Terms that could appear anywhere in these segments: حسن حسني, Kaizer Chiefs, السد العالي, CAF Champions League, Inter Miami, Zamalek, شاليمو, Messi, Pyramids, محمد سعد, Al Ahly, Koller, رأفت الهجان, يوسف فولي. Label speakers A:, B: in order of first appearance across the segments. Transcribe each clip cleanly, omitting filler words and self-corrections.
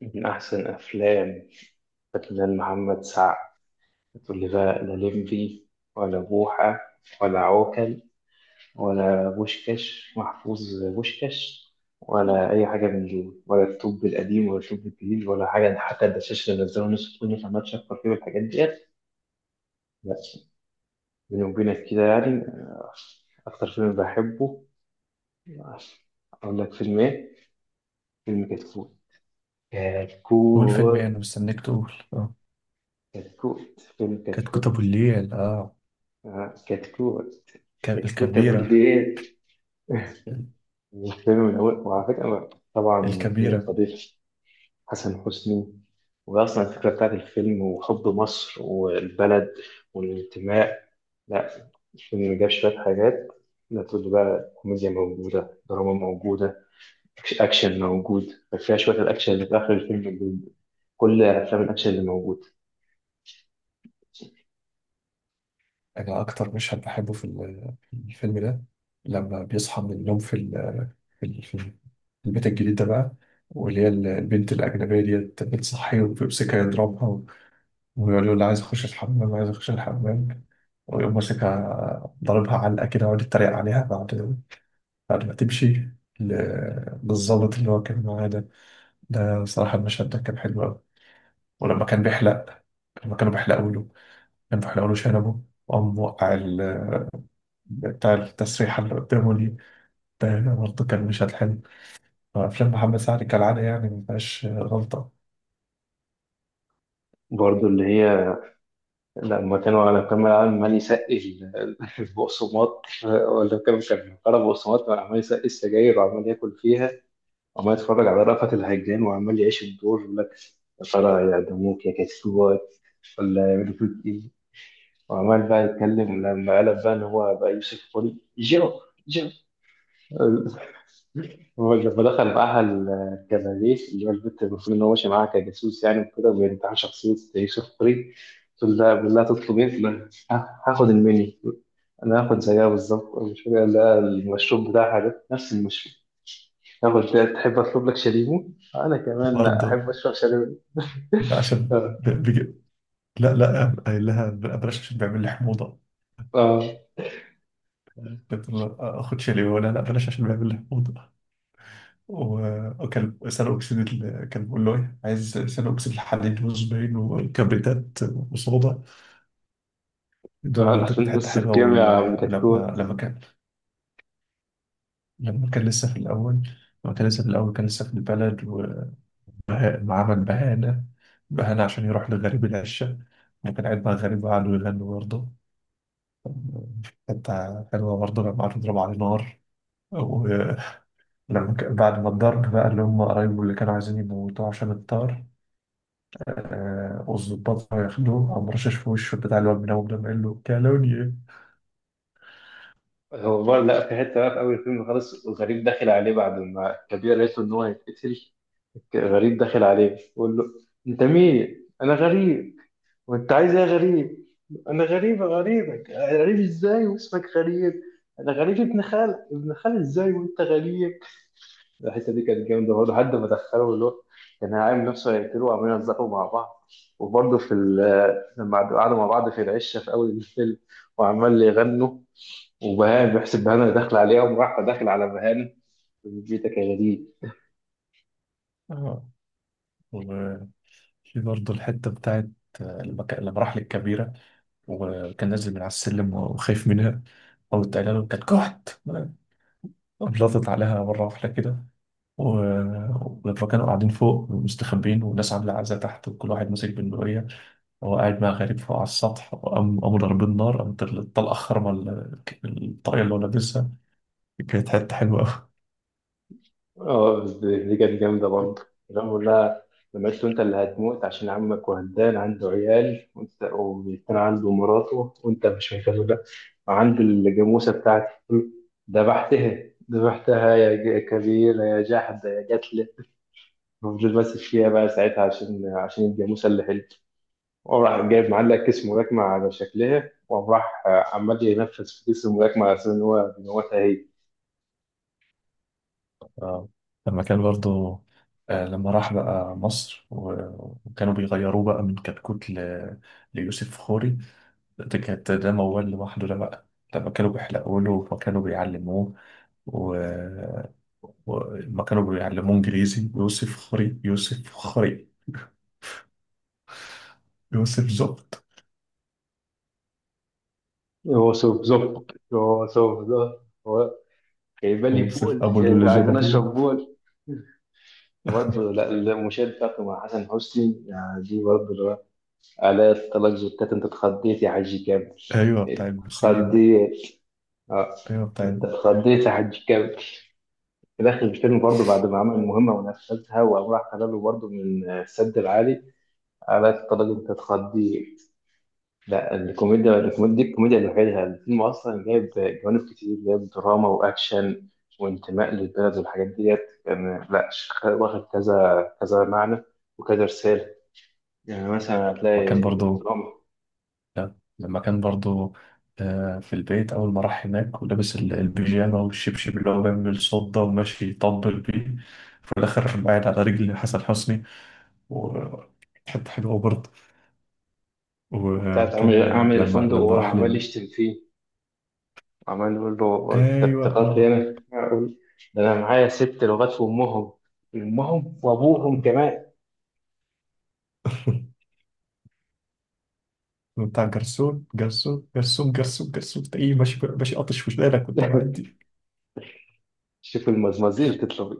A: من أحسن أفلام فنان محمد سعد تقول لي بقى، لا لمبي ولا بوحة ولا عوكل ولا بوشكاش محفوظ بوشكاش ولا أي حاجة من دول، ولا الطب القديم ولا الطب الجديد ولا حاجة. حتى الدشاش اللي نزلوا نص الفيلم فما تشكر فيه والحاجات ديت. لا، بيني وبينك كده يعني أكتر فيلم بحبه. آه، أقول لك فيلم إيه؟ فيلم كتكوت.
B: قول فيلم
A: كتكوت.
B: ايه؟ انا مستنيك تقول. اه
A: كتكوت فيلم
B: كانت كتب
A: كتكوت.
B: الليل. اه
A: كتكوت. التوتة
B: الكبيرة.
A: بالليل. والفيلم من أول، وعلى فكرة أنا طبعا فيلم
B: الكبيرة.
A: القدير حسن حسني. وأصلا الفكرة بتاعت الفيلم وحب مصر والبلد والانتماء. لا، الفيلم جاب شوية حاجات. لا، تقول لي بقى كوميديا موجودة، دراما موجودة، أكشن موجود فيها. شوية الأكشن اللي في آخر الفيلم كل أفلام الأكشن اللي موجود.
B: انا اكتر مشهد بحبه في الفيلم ده، لما بيصحى من النوم في البيت الجديد ده بقى. واللي هي البنت الأجنبية ديت بتصحيه، وبيمسكها يضربها، ويقول له لا، عايز أخش الحمام، عايز أخش الحمام. ويقوم ماسكها ضاربها علقة كده، ويقعد يتريق عليها بعد ما تمشي، للظابط اللي هو كان معاه ده. ده صراحة المشهد ده كان حلو أوي. ولما كان بيحلق، لما كانوا بيحلقوا له كانوا بيحلقوا له شنبه، وقام وقع بتاع التسريحة اللي قدامه دي. ده برضه كان مشهد حلو. أفلام محمد سعد كالعادة يعني ما فيهاش غلطة.
A: برضه اللي هي لما كانوا لما كان العالم عمال يسقي البقسماط. ولا كان قرا بقسماط عمال يسقي السجاير وعمال ياكل فيها، وعمال يتفرج على رأفت الهجان وعمال يعيش الدور يقول لك: يا ترى يعدموك يا كسوات ولا يعملوا فيك ايه؟ وعمال بقى يتكلم لما قلب بقى ان هو بقى يوسف فولي. جو، جو. هو لما دخل معاها الكباريه، اللي هو البنت المفروض ان هو ماشي معاها كجاسوس يعني وكده، وبينتحل شخصيه يوسف فولي، تقول لها بالله تطلب ايه؟ تقول لها: هاخد المنيو، انا هاخد زيها بالظبط. المشاريع اللي المشروب بتاعها ده نفس المشروب. هاخد ده، تحب اطلب لك شاليمو؟ انا كمان
B: برضه،
A: احب اشرب شاليمو.
B: لا عشان
A: اه.
B: بيجي. لا لا، قايل لها بلاش عشان بيعمل لي حموضة.
A: اه.
B: قلت له خد شاليه، ولا لا بلاش عشان بيعمل لي حموضة. وكان كان بيقول له إيه عايز ثاني أكسيد الحديد وزباين وكبريتات وصودا. دي
A: آه.
B: برضه كانت
A: داخلين
B: حتة
A: حصه
B: حلوة.
A: كيمياء
B: وال- ولما
A: كتكوت.
B: لما كان لما كان لسه في الأول لما كان لسه في الأول كان لسه في البلد. وعمل بهانة عشان يروح لغريب العشة. وكان قاعد مع غريب وقعدوا يغنوا. برضه حتة حلوة برضه لما قعدوا يضربوا عليه نار. ولما بعد ما الضرب بقى اللي هم قرايبه اللي كانوا عايزين يموتوه عشان الطار، والظباط راحوا ياخدوه، قام رشش في وشه بتاع الواد من أول، ده قال له كالوني إيه؟
A: هو برضه لا، في حته بقى في اول الفيلم خالص، غريب داخل عليه بعد ما كبير قالت له ان هو هيتقتل. غريب داخل عليه بيقول له: انت مين؟ انا غريب. وانت عايز ايه يا غريب؟ انا غريب يا غريبك. غريب ازاي واسمك غريب؟ انا غريب ابن خال. ابن خال ازاي وانت غريب؟ الحته دي كانت جامده برضه لحد ما دخلوا، اللي هو كان عامل نفسه هيقتله وعمالين يهزقوا مع بعض. وبرضه في لما قعدوا مع بعض في العشه في اول الفيلم وعمال يغنوا، وبهان بيحسب بهان اللي داخل عليها وراح داخل على بهان: بيتك يا غريب.
B: آه. وفي برضه الحتة بتاعت، لما راح للكبيرة، وكان نازل من على السلم وخايف منها، قامت قايله له كانت كحت، قلطت عليها مرة واحدة كده. فكانوا قاعدين فوق مستخبين والناس عاملة عزا تحت وكل واحد ماسك بندقية، وهو قاعد مع غريب فوق على السطح، وقام قاموا ضاربين نار، قامت الطلقة خرمة الطاقية اللي هو لابسها. كانت حتة حلوة أوي.
A: اه، بس دي كانت جامدة برضه. لما بقول لها، لما قلت له: انت اللي هتموت عشان عمك وهدان عنده عيال، وانت وكان عنده مراته وانت مش مكملة، وعنده الجاموسة بتاعتي ذبحتها. ذبحتها يا كبيرة يا جحدة يا جتلة. فضل ماسك فيها بقى ساعتها عشان الجاموسة اللي حلت. وراح جايب معلق كيس ملاكمة على شكلها، وراح عمال ينفذ في كيس الملاكمة على أساس إن هو بيموتها هي.
B: آه. لما كان برضه، لما راح بقى مصر، وكانوا بيغيروه بقى من كتكوت ل... ليوسف فخوري. ده كانت ده موال لوحده ده بقى. لما كانوا بيحلقوا له وكانوا بيعلموه و... وما كانوا بيعلموه انجليزي، يوسف خري يوسف خري يوسف زبط
A: هو سوف زوب، هو سوف زوب. جايبه لي
B: يوسف
A: بول،
B: ابو اللي
A: جايبه
B: جاب
A: عايزين
B: ابوه.
A: اشرب بول. برضه لا. المشاهد بتاعته مع حسن حسني يعني دي برضه اللي هو: آلاء طلاق زوجتك. انت اتخضيت يا حاج كامل.
B: ايوه، بتاع
A: انت
B: البسين.
A: اتخضيت. اه.
B: ايوه بتاع
A: انت اتخضيت يا حاج كامل. في داخل الفيلم برضه بعد ما عمل المهمه ونفذها، وقام راح قال له برضه من السد العالي: آلاء طلاق. انت اتخضيت. لا الكوميديا، الكوميديا دي الكوميديا لوحدها. الفيلم اصلا جايب جوانب كتير، جايب دراما واكشن وانتماء للبلد والحاجات ديت. كان لا واخد كذا كذا معنى وكذا رساله. يعني مثلا
B: وكان
A: هتلاقي
B: برضو،
A: الدراما.
B: لا، لما كان برضو، في البيت اول ما راح هناك ولابس البيجامه والشبشب اللي هو بيعمل صوت ده وماشي يطبل بيه. في الاخر قاعد على رجل حسن حسني. وحتة حلوة برضه.
A: وبتاعت
B: وكان
A: عامل
B: لما
A: الفندق وهو
B: راح
A: عمال
B: لل...
A: يشتم فيه، عمال يقول له: انت
B: أيوة
A: افتكرت
B: آه.
A: هنا؟ ده انا معايا ست لغات في امهم، امهم وابوهم كمان.
B: بتاع جرسون جرسون جرسون جرسون جرسون، تلاقيه ماشي ماشي قاطش وشنانك وأنت معدي.
A: شوف المزمزيل تطلع.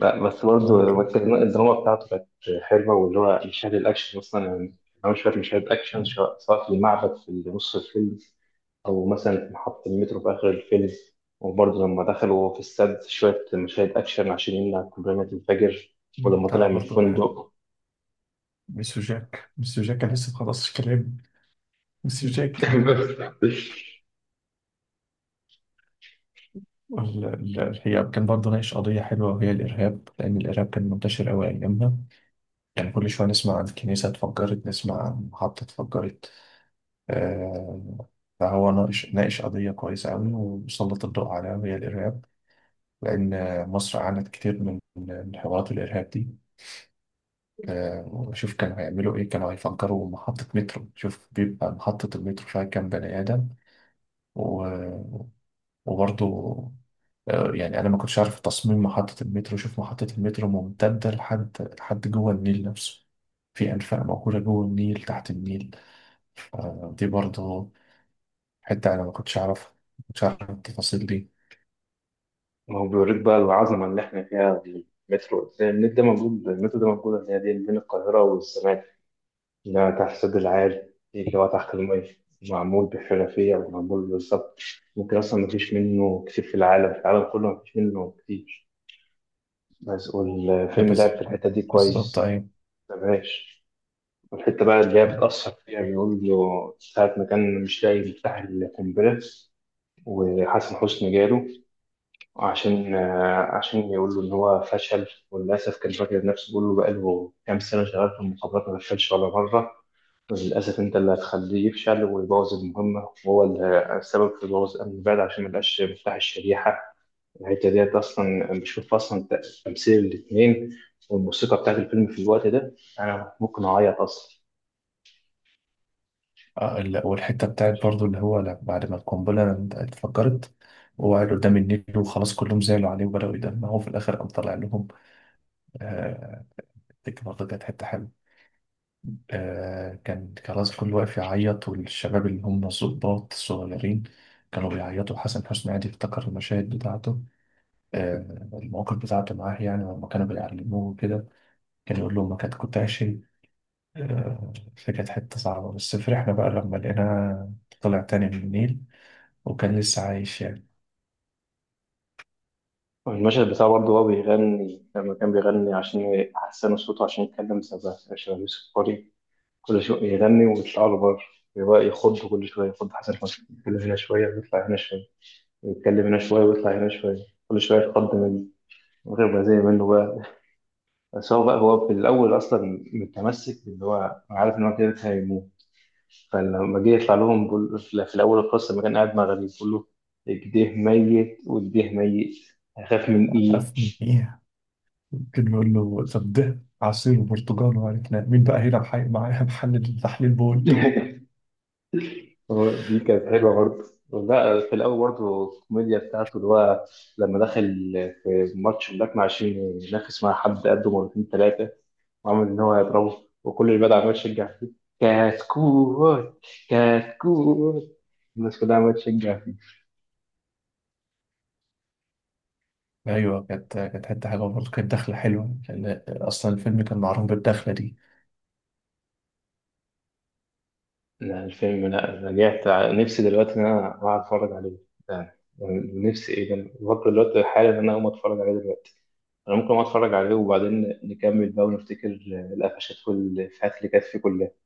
A: لا بس
B: اه
A: برضه
B: كده.
A: الدراما بتاعته كانت حلوه. واللي هو مشاهد الاكشن اصلا يعني، انا مش فاكر مشاهد اكشن، سواء في المعبد في نص الفيلم، او مثلا في محطه المترو في اخر الفيلم. وبرضه لما دخلوا في السد شويه مشاهد اكشن عشان يمنع قنبله الفجر. ولما
B: بتاع
A: طلع من
B: برضه
A: الفندق
B: ميسيو جاك، ميسيو جاك كان لسه مخلصش كلام، ميسيو جاك. الحقيقة كان برضه ناقش قضية حلوة وهي الإرهاب، لأن الإرهاب كان منتشر أوي أيامها. يعني كل شوية نسمع عن كنيسة اتفجرت، نسمع عن محطة اتفجرت. آه، فهو ناقش قضية كويسة أوي وسلط الضوء عليها وهي الإرهاب، لأن مصر عانت كتير من حوارات الإرهاب دي. وشوف كانوا هيعملوا إيه، كانوا هيفجروا محطة مترو، شوف بيبقى محطة المترو فيها كام بني آدم. و- وبرضه، يعني أنا ما كنتش عارف تصميم محطة المترو، شوف محطة المترو ممتدة لحد جوه النيل نفسه. في أنفاق موجودة جوه النيل تحت النيل. دي برضه حتة أنا ما كنتش أعرفها، ما كنتش أعرف التفاصيل دي.
A: ما هو بيوريك بقى العظمه اللي احنا فيها في المترو ده. ده موجود، المترو ده موجود، اللي هي دي بين القاهره والسمان. لا تحسد العالي اللي هو تحت المية، معمول بحرفية ومعمول بالظبط. ممكن أصلا مفيش منه كتير في العالم. في العالم كله مفيش منه كتير. بس والفيلم لعب
B: بز-
A: في الحتة دي
B: بالظبط،
A: كويس.
B: أيوة
A: مبهاش. والحتة بقى اللي هي بتأثر فيها، بيقول له ساعة ما كان مش لاقي مفتاح القنبلة وحسن حسني جاله عشان عشان يقول له إن هو فشل. وللأسف كان فاكر نفسه، بيقول له بقاله كام سنة شغال في المخابرات ما فشلش ولا مرة، للأسف أنت اللي هتخليه يفشل ويبوظ المهمة، وهو اللي السبب في بوظ أمن البلد عشان مبقاش مفتاح الشريحة. الحتة ديت أصلا بشوف أصلا تمثيل الاتنين والموسيقى بتاعت الفيلم في الوقت ده، أنا ممكن أعيط أصلا.
B: والحتة بتاعت برضو اللي هو بعد ما القنبلة اتفجرت، وقعد قدام النيل وخلاص كلهم زعلوا عليه وبدأوا يدمعوا، في الآخر قام طلع لهم. آه، دي برضه كانت حتة حلوة. كان خلاص كل واقف يعيط والشباب اللي هم الضباط الصغيرين كانوا بيعيطوا، حسن حسني قاعد يفتكر المشاهد بتاعته. المواقف بتاعته معاه، يعني لما كانوا بيعلموه كده، كان يقول لهم ما كنت عايش. فكانت حتة صعبة، بس فرحنا بقى لما لقيناه طلع تاني من النيل، وكان لسه عايش يعني.
A: المشهد بتاعه برضه، هو بيغني لما كان بيغني عشان يحسنوا صوته عشان يتكلم شبه يوسف قري. كل شوية يغني ويطلع له بره، يبقى يخض. كل شوية يخض حسن حسني، يتكلم هنا شوية ويطلع هنا شوية، يتكلم هنا شوية ويطلع هنا شوية، كل شوية يتقدم وتبقى زي منه بقى. بس هو بقى، هو في الأول أصلا متمسك إن هو عارف إن هو كده كده هيموت. فلما جه يطلع لهم بقول، في الأول القصة لما كان قاعد مع غريب بيقول له: إيديه ميت وإيديه ميت، هخاف من إيه؟
B: أخاف من إيه؟ ممكن نقول له طب ده عصير وبرتقال، وعرفنا مين بقى هنا، معايا محل تحليل بول.
A: هو دي كانت حلوة برضه. لا في الأول برضه الكوميديا بتاعته اللي هو لما دخل في ماتش هناك، مع عشان ينافس مع حد قده مرتين ثلاثة، وعمل إن هو يضربه وكل اللي بدأ عمال يشجع فيه: كتكوت، كتكوت. الناس كلها عمالة تشجع فيه.
B: أيوه كانت حتة حلوة برضه، كانت دخلة حلوة، لأن أصلا الفيلم كان معروف بالدخلة دي.
A: لا الفيلم، لا رجعت نفسي دلوقتي إن أنا أقعد أتفرج عليه ده. نفسي، إيه ده، برضه دلوقتي حالا إن أنا أقوم أتفرج عليه دلوقتي. أنا ممكن أقوم أتفرج عليه وبعدين نكمل بقى ونفتكر القفشات والإفيهات اللي كانت فيه كلها.